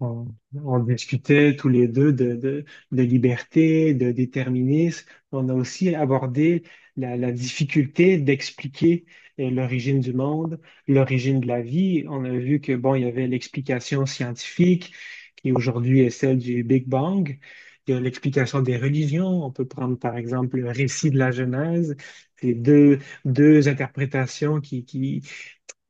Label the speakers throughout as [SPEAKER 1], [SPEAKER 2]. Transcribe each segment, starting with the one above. [SPEAKER 1] On, on discutait tous les deux de liberté, de déterminisme. On a aussi abordé la difficulté d'expliquer l'origine du monde, l'origine de la vie. On a vu que, bon, il y avait l'explication scientifique, qui aujourd'hui est celle du Big Bang. Il y a l'explication des religions. On peut prendre, par exemple, le récit de la Genèse. C'est deux interprétations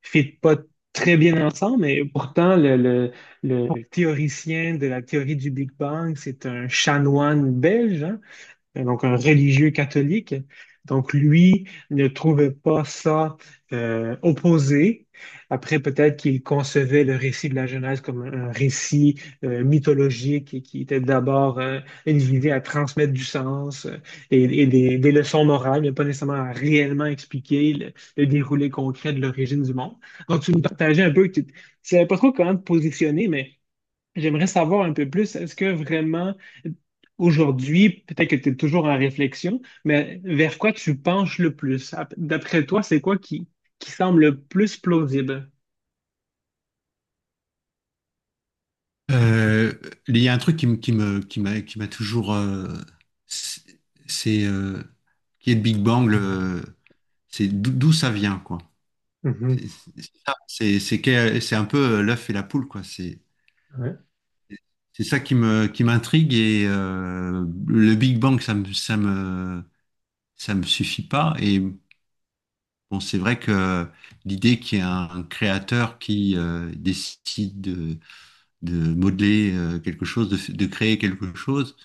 [SPEAKER 1] fit pas très bien ensemble, mais pourtant, le théoricien de la théorie du Big Bang, c'est un chanoine belge, hein? Donc un religieux catholique. Donc lui ne trouvait pas ça opposé. Après, peut-être qu'il concevait le récit de la Genèse comme un récit mythologique et qui était d'abord une visée à transmettre du sens et des leçons morales, mais pas nécessairement à réellement expliquer le déroulé concret de l'origine du monde. Donc tu nous partageais un peu, que tu ne savais pas trop comment te positionner, mais j'aimerais savoir un peu plus, est-ce que vraiment aujourd'hui, peut-être que tu es toujours en réflexion, mais vers quoi tu penches le plus? D'après toi, c'est quoi qui semble le plus plausible?
[SPEAKER 2] Euh, il y a un truc qui m'a toujours, c'est, c'est, euh, qui est le Big Bang, c'est d'où ça vient, quoi.
[SPEAKER 1] Mhm,
[SPEAKER 2] C'est ça, c'est un peu l'œuf et la poule, quoi. C'est
[SPEAKER 1] ouais.
[SPEAKER 2] c'est ça qui me, qui m'intrigue, et le Big Bang, ça me suffit pas. Et bon, c'est vrai que l'idée qu'il y ait un créateur qui décide de modeler quelque chose, de créer quelque chose.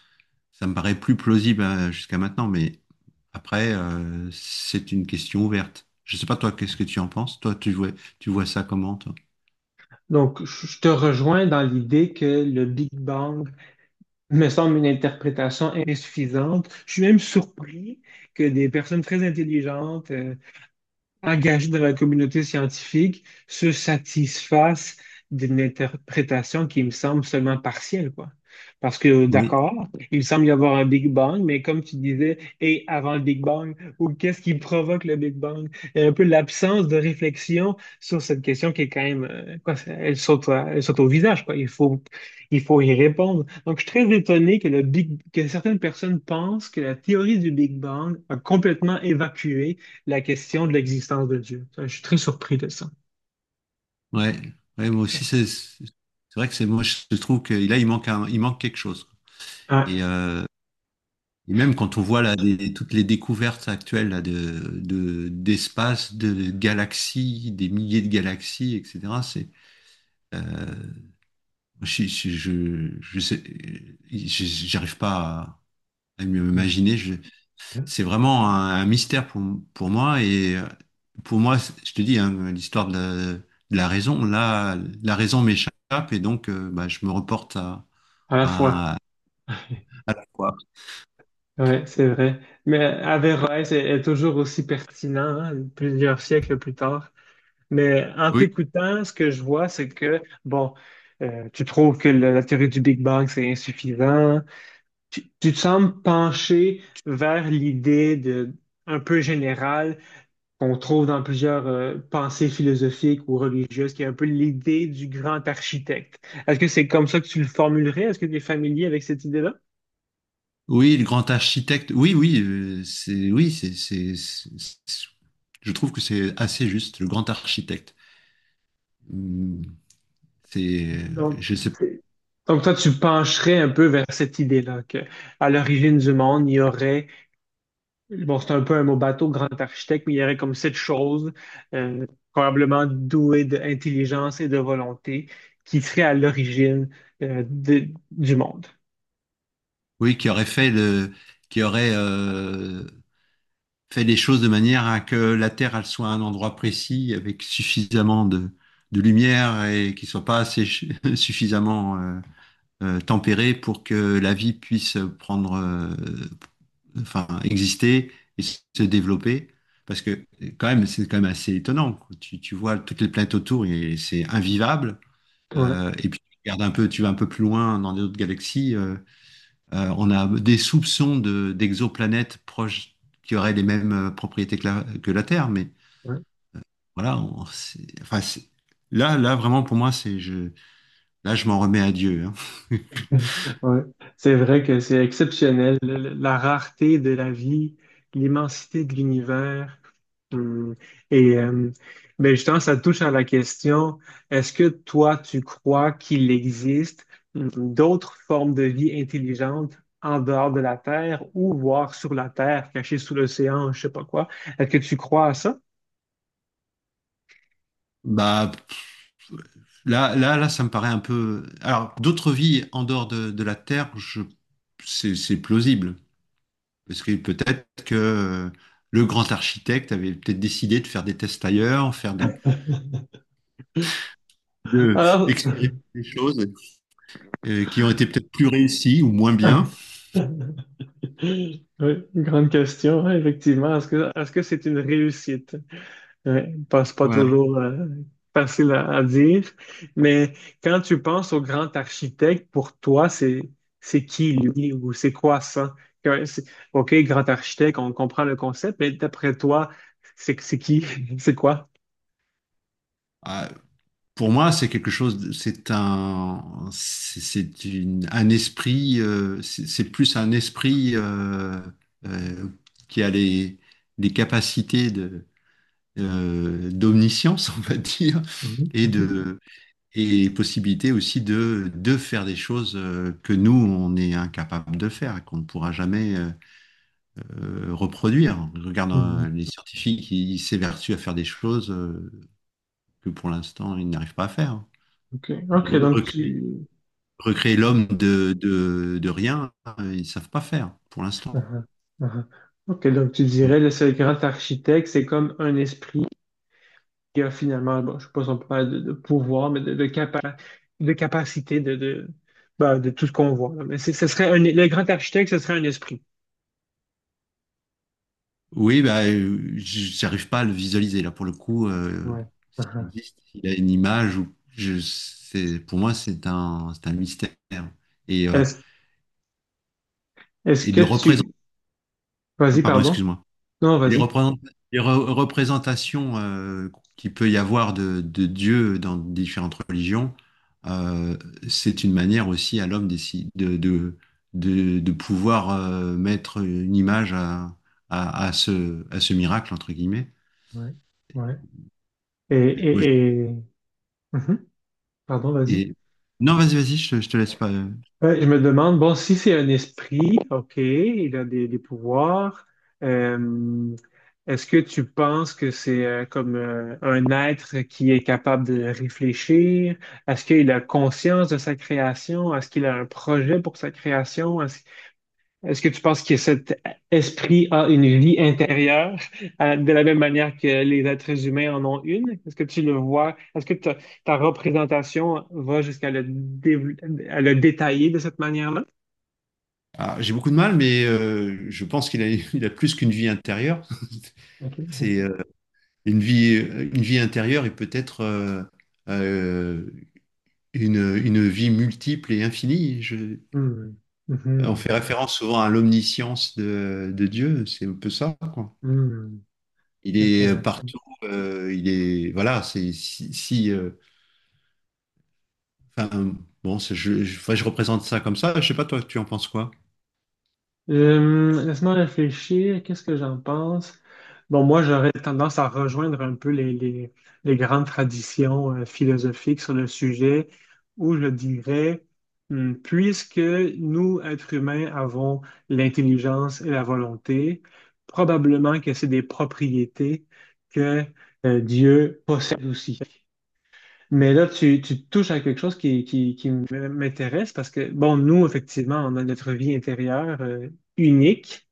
[SPEAKER 2] Ça me paraît plus plausible jusqu'à maintenant, mais après, c'est une question ouverte. Je sais pas, toi, qu'est-ce que tu en penses? Toi, tu vois ça comment, toi?
[SPEAKER 1] Donc, je te rejoins dans l'idée que le Big Bang me semble une interprétation insuffisante. Je suis même surpris que des personnes très intelligentes engagés dans la communauté scientifique se satisfassent d'une interprétation qui me semble seulement partielle, quoi. Parce que,
[SPEAKER 2] Oui.
[SPEAKER 1] d'accord, il semble y avoir un Big Bang, mais comme tu disais, et avant le Big Bang, ou qu'est-ce qui provoque le Big Bang? Et un peu l'absence de réflexion sur cette question qui est quand même, quoi, elle saute, elle saute au visage, quoi. Il faut y répondre. Donc, je suis très étonné que que certaines personnes pensent que la théorie du Big Bang a complètement évacué la question de l'existence de Dieu. Je suis très surpris de ça.
[SPEAKER 2] Ouais. Ouais, moi aussi, c'est vrai que c'est moi, je trouve que là, il manque quelque chose. Et,
[SPEAKER 1] Ouais,
[SPEAKER 2] euh, et même quand on voit là, des- toutes les découvertes actuelles là, d'espace, de galaxies, des milliers de galaxies, etc. C'est, euh, je sais, j'arrive pas à mieux m'imaginer.
[SPEAKER 1] mhm.
[SPEAKER 2] C'est vraiment un mystère pour moi. Et pour moi, c'est- je te dis, hein, l'histoire de de la raison, là, la raison m'échappe, et donc bah, je me reporte à,
[SPEAKER 1] À la fois.
[SPEAKER 2] à, à la foi.
[SPEAKER 1] Ouais, c'est vrai. Mais Averroès est toujours aussi pertinent, hein, plusieurs siècles plus tard. Mais en
[SPEAKER 2] Oui,
[SPEAKER 1] t'écoutant, ce que je vois, c'est que, bon, tu trouves que la théorie du Big Bang, c'est insuffisant. Tu te sembles pencher vers l'idée de, un peu générale qu'on trouve dans plusieurs pensées philosophiques ou religieuses, qui est un peu l'idée du grand architecte. Est-ce que c'est comme ça que tu le formulerais? Est-ce que tu es familier avec cette idée-là?
[SPEAKER 2] oui, le grand architecte. Oui, oui, je trouve que c'est assez juste, le grand architecte. Hum. C'est,
[SPEAKER 1] Donc,
[SPEAKER 2] je sais pas,
[SPEAKER 1] c'est- donc toi, tu pencherais un peu vers cette idée-là, que à l'origine du monde, il y aurait bon, c'est un peu un mot bateau, grand architecte, mais il y aurait comme cette chose, euh, probablement douée d'intelligence et de volonté, qui serait à l'origine, du monde.
[SPEAKER 2] oui, qui aurait fait le, qui aurait, fait les choses de manière à que la Terre elle soit à un endroit précis avec suffisamment de lumière, et qui soit pas suffisamment tempéré pour que la vie puisse prendre, enfin, exister et se développer. Parce que quand même, c'est quand même assez étonnant, quoi. Tu vois toutes les planètes autour et c'est invivable.
[SPEAKER 1] Ouais,
[SPEAKER 2] Et puis tu regardes un peu, tu vas un peu plus loin dans d'autres galaxies. On a des soupçons d'exoplanètes proches qui auraient les mêmes propriétés que la Terre, mais
[SPEAKER 1] ouais.
[SPEAKER 2] voilà. Enfin, c'est- là, là, vraiment, pour moi, là, je m'en remets à Dieu, hein.
[SPEAKER 1] Ouais. C'est vrai que c'est exceptionnel, la rareté de la vie, l'immensité de l'univers. Hum. Et ben justement, ça touche à la question, est-ce que toi, tu crois qu'il existe d'autres formes de vie intelligentes en dehors de la Terre ou voire sur la Terre, cachées sous l'océan, je sais pas quoi? Est-ce que tu crois à ça?
[SPEAKER 2] Bah, pff, là, là, là, ça me paraît un peu. Alors, d'autres vies en dehors de la Terre, je… c'est plausible. Parce que peut-être que le grand architecte avait peut-être décidé de faire des tests ailleurs, faire de expérimenter
[SPEAKER 1] Ah.
[SPEAKER 2] des choses qui ont été peut-être plus réussies ou moins bien.
[SPEAKER 1] Oui, une grande question, ouais, effectivement. Est-ce que c'est une réussite? Ouais, pense pas
[SPEAKER 2] Voilà.
[SPEAKER 1] toujours facile à dire, mais quand tu penses au grand architecte, pour toi, c'est qui lui ou c'est quoi ça? Que- c'est- OK, grand architecte, on comprend le concept, mais d'après toi, c'est qui? C'est quoi?
[SPEAKER 2] Ah, pour moi, c'est quelque chose, de- c'est un, c'est une- un esprit, c'est plus un esprit euh, qui a les capacités de, d'omniscience, on va dire,
[SPEAKER 1] Mhm,
[SPEAKER 2] et
[SPEAKER 1] mhm,
[SPEAKER 2] de, et possibilité aussi de faire des choses que nous, on est incapable de faire, et qu'on ne pourra jamais reproduire. Je regarde
[SPEAKER 1] mhm.
[SPEAKER 2] les scientifiques, ils s'évertuent à faire des choses que pour l'instant, ils n'arrivent pas à faire.
[SPEAKER 1] OK, OK, donc
[SPEAKER 2] Recréer,
[SPEAKER 1] tu...
[SPEAKER 2] recréer l'homme de, de rien, ils savent pas faire pour l'instant.
[SPEAKER 1] Mhm, mhm. OK, donc tu
[SPEAKER 2] Donc,
[SPEAKER 1] dirais, là, c'est le grand architecte, c'est comme un esprit qui a finalement, bon, je ne sais pas si on peut parler de pouvoir, mais de capacité ben, de tout ce qu'on voit. Là. Mais ce serait un, le grand architecte, ce serait un esprit.
[SPEAKER 2] oui, bah, j'arrive pas à le visualiser. Là, pour le coup,
[SPEAKER 1] Ouais,
[SPEAKER 2] s'il
[SPEAKER 1] mhm.
[SPEAKER 2] existe, s'il a une image, ou je, c'est, pour moi, c'est un mystère. Et, euh,
[SPEAKER 1] Est-ce, est-ce
[SPEAKER 2] et de
[SPEAKER 1] que
[SPEAKER 2] le représenter.
[SPEAKER 1] tu... Vas-y,
[SPEAKER 2] Pardon,
[SPEAKER 1] pardon.
[SPEAKER 2] excuse-moi.
[SPEAKER 1] Non,
[SPEAKER 2] Et Les
[SPEAKER 1] vas-y.
[SPEAKER 2] représent- les re- représentations qu'il peut y avoir de Dieu dans différentes religions, euh, c'est une manière aussi à l'homme de pouvoir mettre une image à ce miracle, entre guillemets.
[SPEAKER 1] Ouais, ouais.
[SPEAKER 2] Moi, je-
[SPEAKER 1] Et... Mhm. Pardon, vas-y.
[SPEAKER 2] et... Non, vas-y, vas-y, je te laisse pas.
[SPEAKER 1] Ouais, je me demande, bon, si c'est un esprit, OK, il a des pouvoirs, euh, est-ce que tu penses que c'est comme un être qui est capable de réfléchir? Est-ce qu'il a conscience de sa création? Est-ce qu'il a un projet pour sa création? Est-ce que tu penses que cet esprit a une vie intérieure de la même manière que les êtres humains en ont une? Est-ce que tu le vois? Est-ce que ta représentation va jusqu'à le, dév- à le détailler de cette manière-là?
[SPEAKER 2] Ah, j'ai beaucoup de mal, mais je pense qu'il a, il a plus qu'une vie intérieure.
[SPEAKER 1] OK.
[SPEAKER 2] C'est une vie intérieure et peut-être… euh, une vie multiple et infinie.
[SPEAKER 1] Hmm.
[SPEAKER 2] On fait
[SPEAKER 1] Mhm.
[SPEAKER 2] référence souvent à l'omniscience de Dieu, c'est un peu ça, quoi.
[SPEAKER 1] Hmm.
[SPEAKER 2] Il est
[SPEAKER 1] Intéressant.
[SPEAKER 2] partout, il est, voilà, c'est si, si, enfin, bon, c'est- enfin, je représente ça comme ça. Je sais pas, toi, tu en penses quoi?
[SPEAKER 1] Laisse-moi réfléchir, qu'est-ce que j'en pense? Bon, moi, j'aurais tendance à rejoindre un peu les grandes traditions philosophiques sur le sujet, où je dirais, puisque nous, êtres humains, avons l'intelligence et la volonté, probablement que c'est des propriétés que Dieu possède aussi. Mais là, tu touches à quelque chose qui m'intéresse parce que, bon, nous, effectivement, on a notre vie intérieure unique.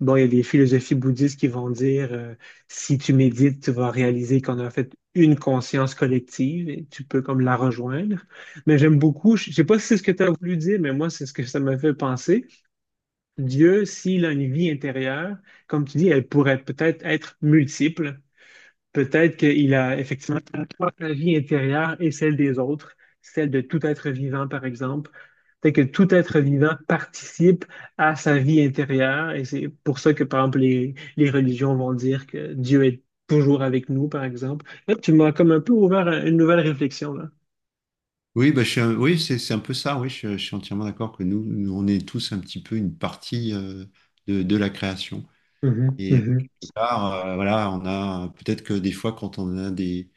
[SPEAKER 1] Bon, il y a des philosophies bouddhistes qui vont dire, si tu médites, tu vas réaliser qu'on a en fait une conscience collective et tu peux comme la rejoindre. Mais j'aime beaucoup, je sais pas si c'est ce que tu as voulu dire, mais moi, c'est ce que ça m'a fait penser. Dieu, s'il a une vie intérieure, comme tu dis, elle pourrait peut-être être multiple. Peut-être qu'il a effectivement la vie intérieure et celle des autres, celle de tout être vivant, par exemple. Peut-être que tout être vivant participe à sa vie intérieure et c'est pour ça que, par exemple, les religions vont dire que Dieu est toujours avec nous, par exemple. Là, tu m'as comme un peu ouvert à une nouvelle réflexion, là.
[SPEAKER 2] Oui, bah, oui, c'est un peu ça. Oui, je suis entièrement d'accord que nous, nous, on est tous un petit peu une partie de la création.
[SPEAKER 1] Mhm,
[SPEAKER 2] Et
[SPEAKER 1] mhm,
[SPEAKER 2] Voilà, on a peut-être que des fois, quand on a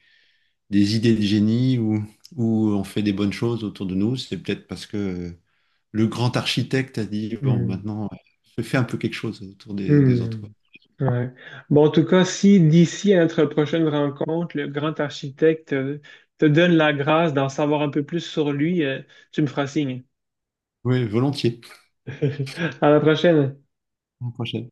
[SPEAKER 2] des idées de génie ou on fait des bonnes choses autour de nous, c'est peut-être parce que le grand architecte a dit, bon,
[SPEAKER 1] mhm.
[SPEAKER 2] maintenant, je fais un peu quelque chose autour des autres.
[SPEAKER 1] Hmm. Ouais. Bon, en tout cas, si d'ici à notre prochaine rencontre, le grand architecte te donne la grâce d'en savoir un peu plus sur lui, tu me feras signe.
[SPEAKER 2] Oui, volontiers.
[SPEAKER 1] À la prochaine.
[SPEAKER 2] À la prochaine.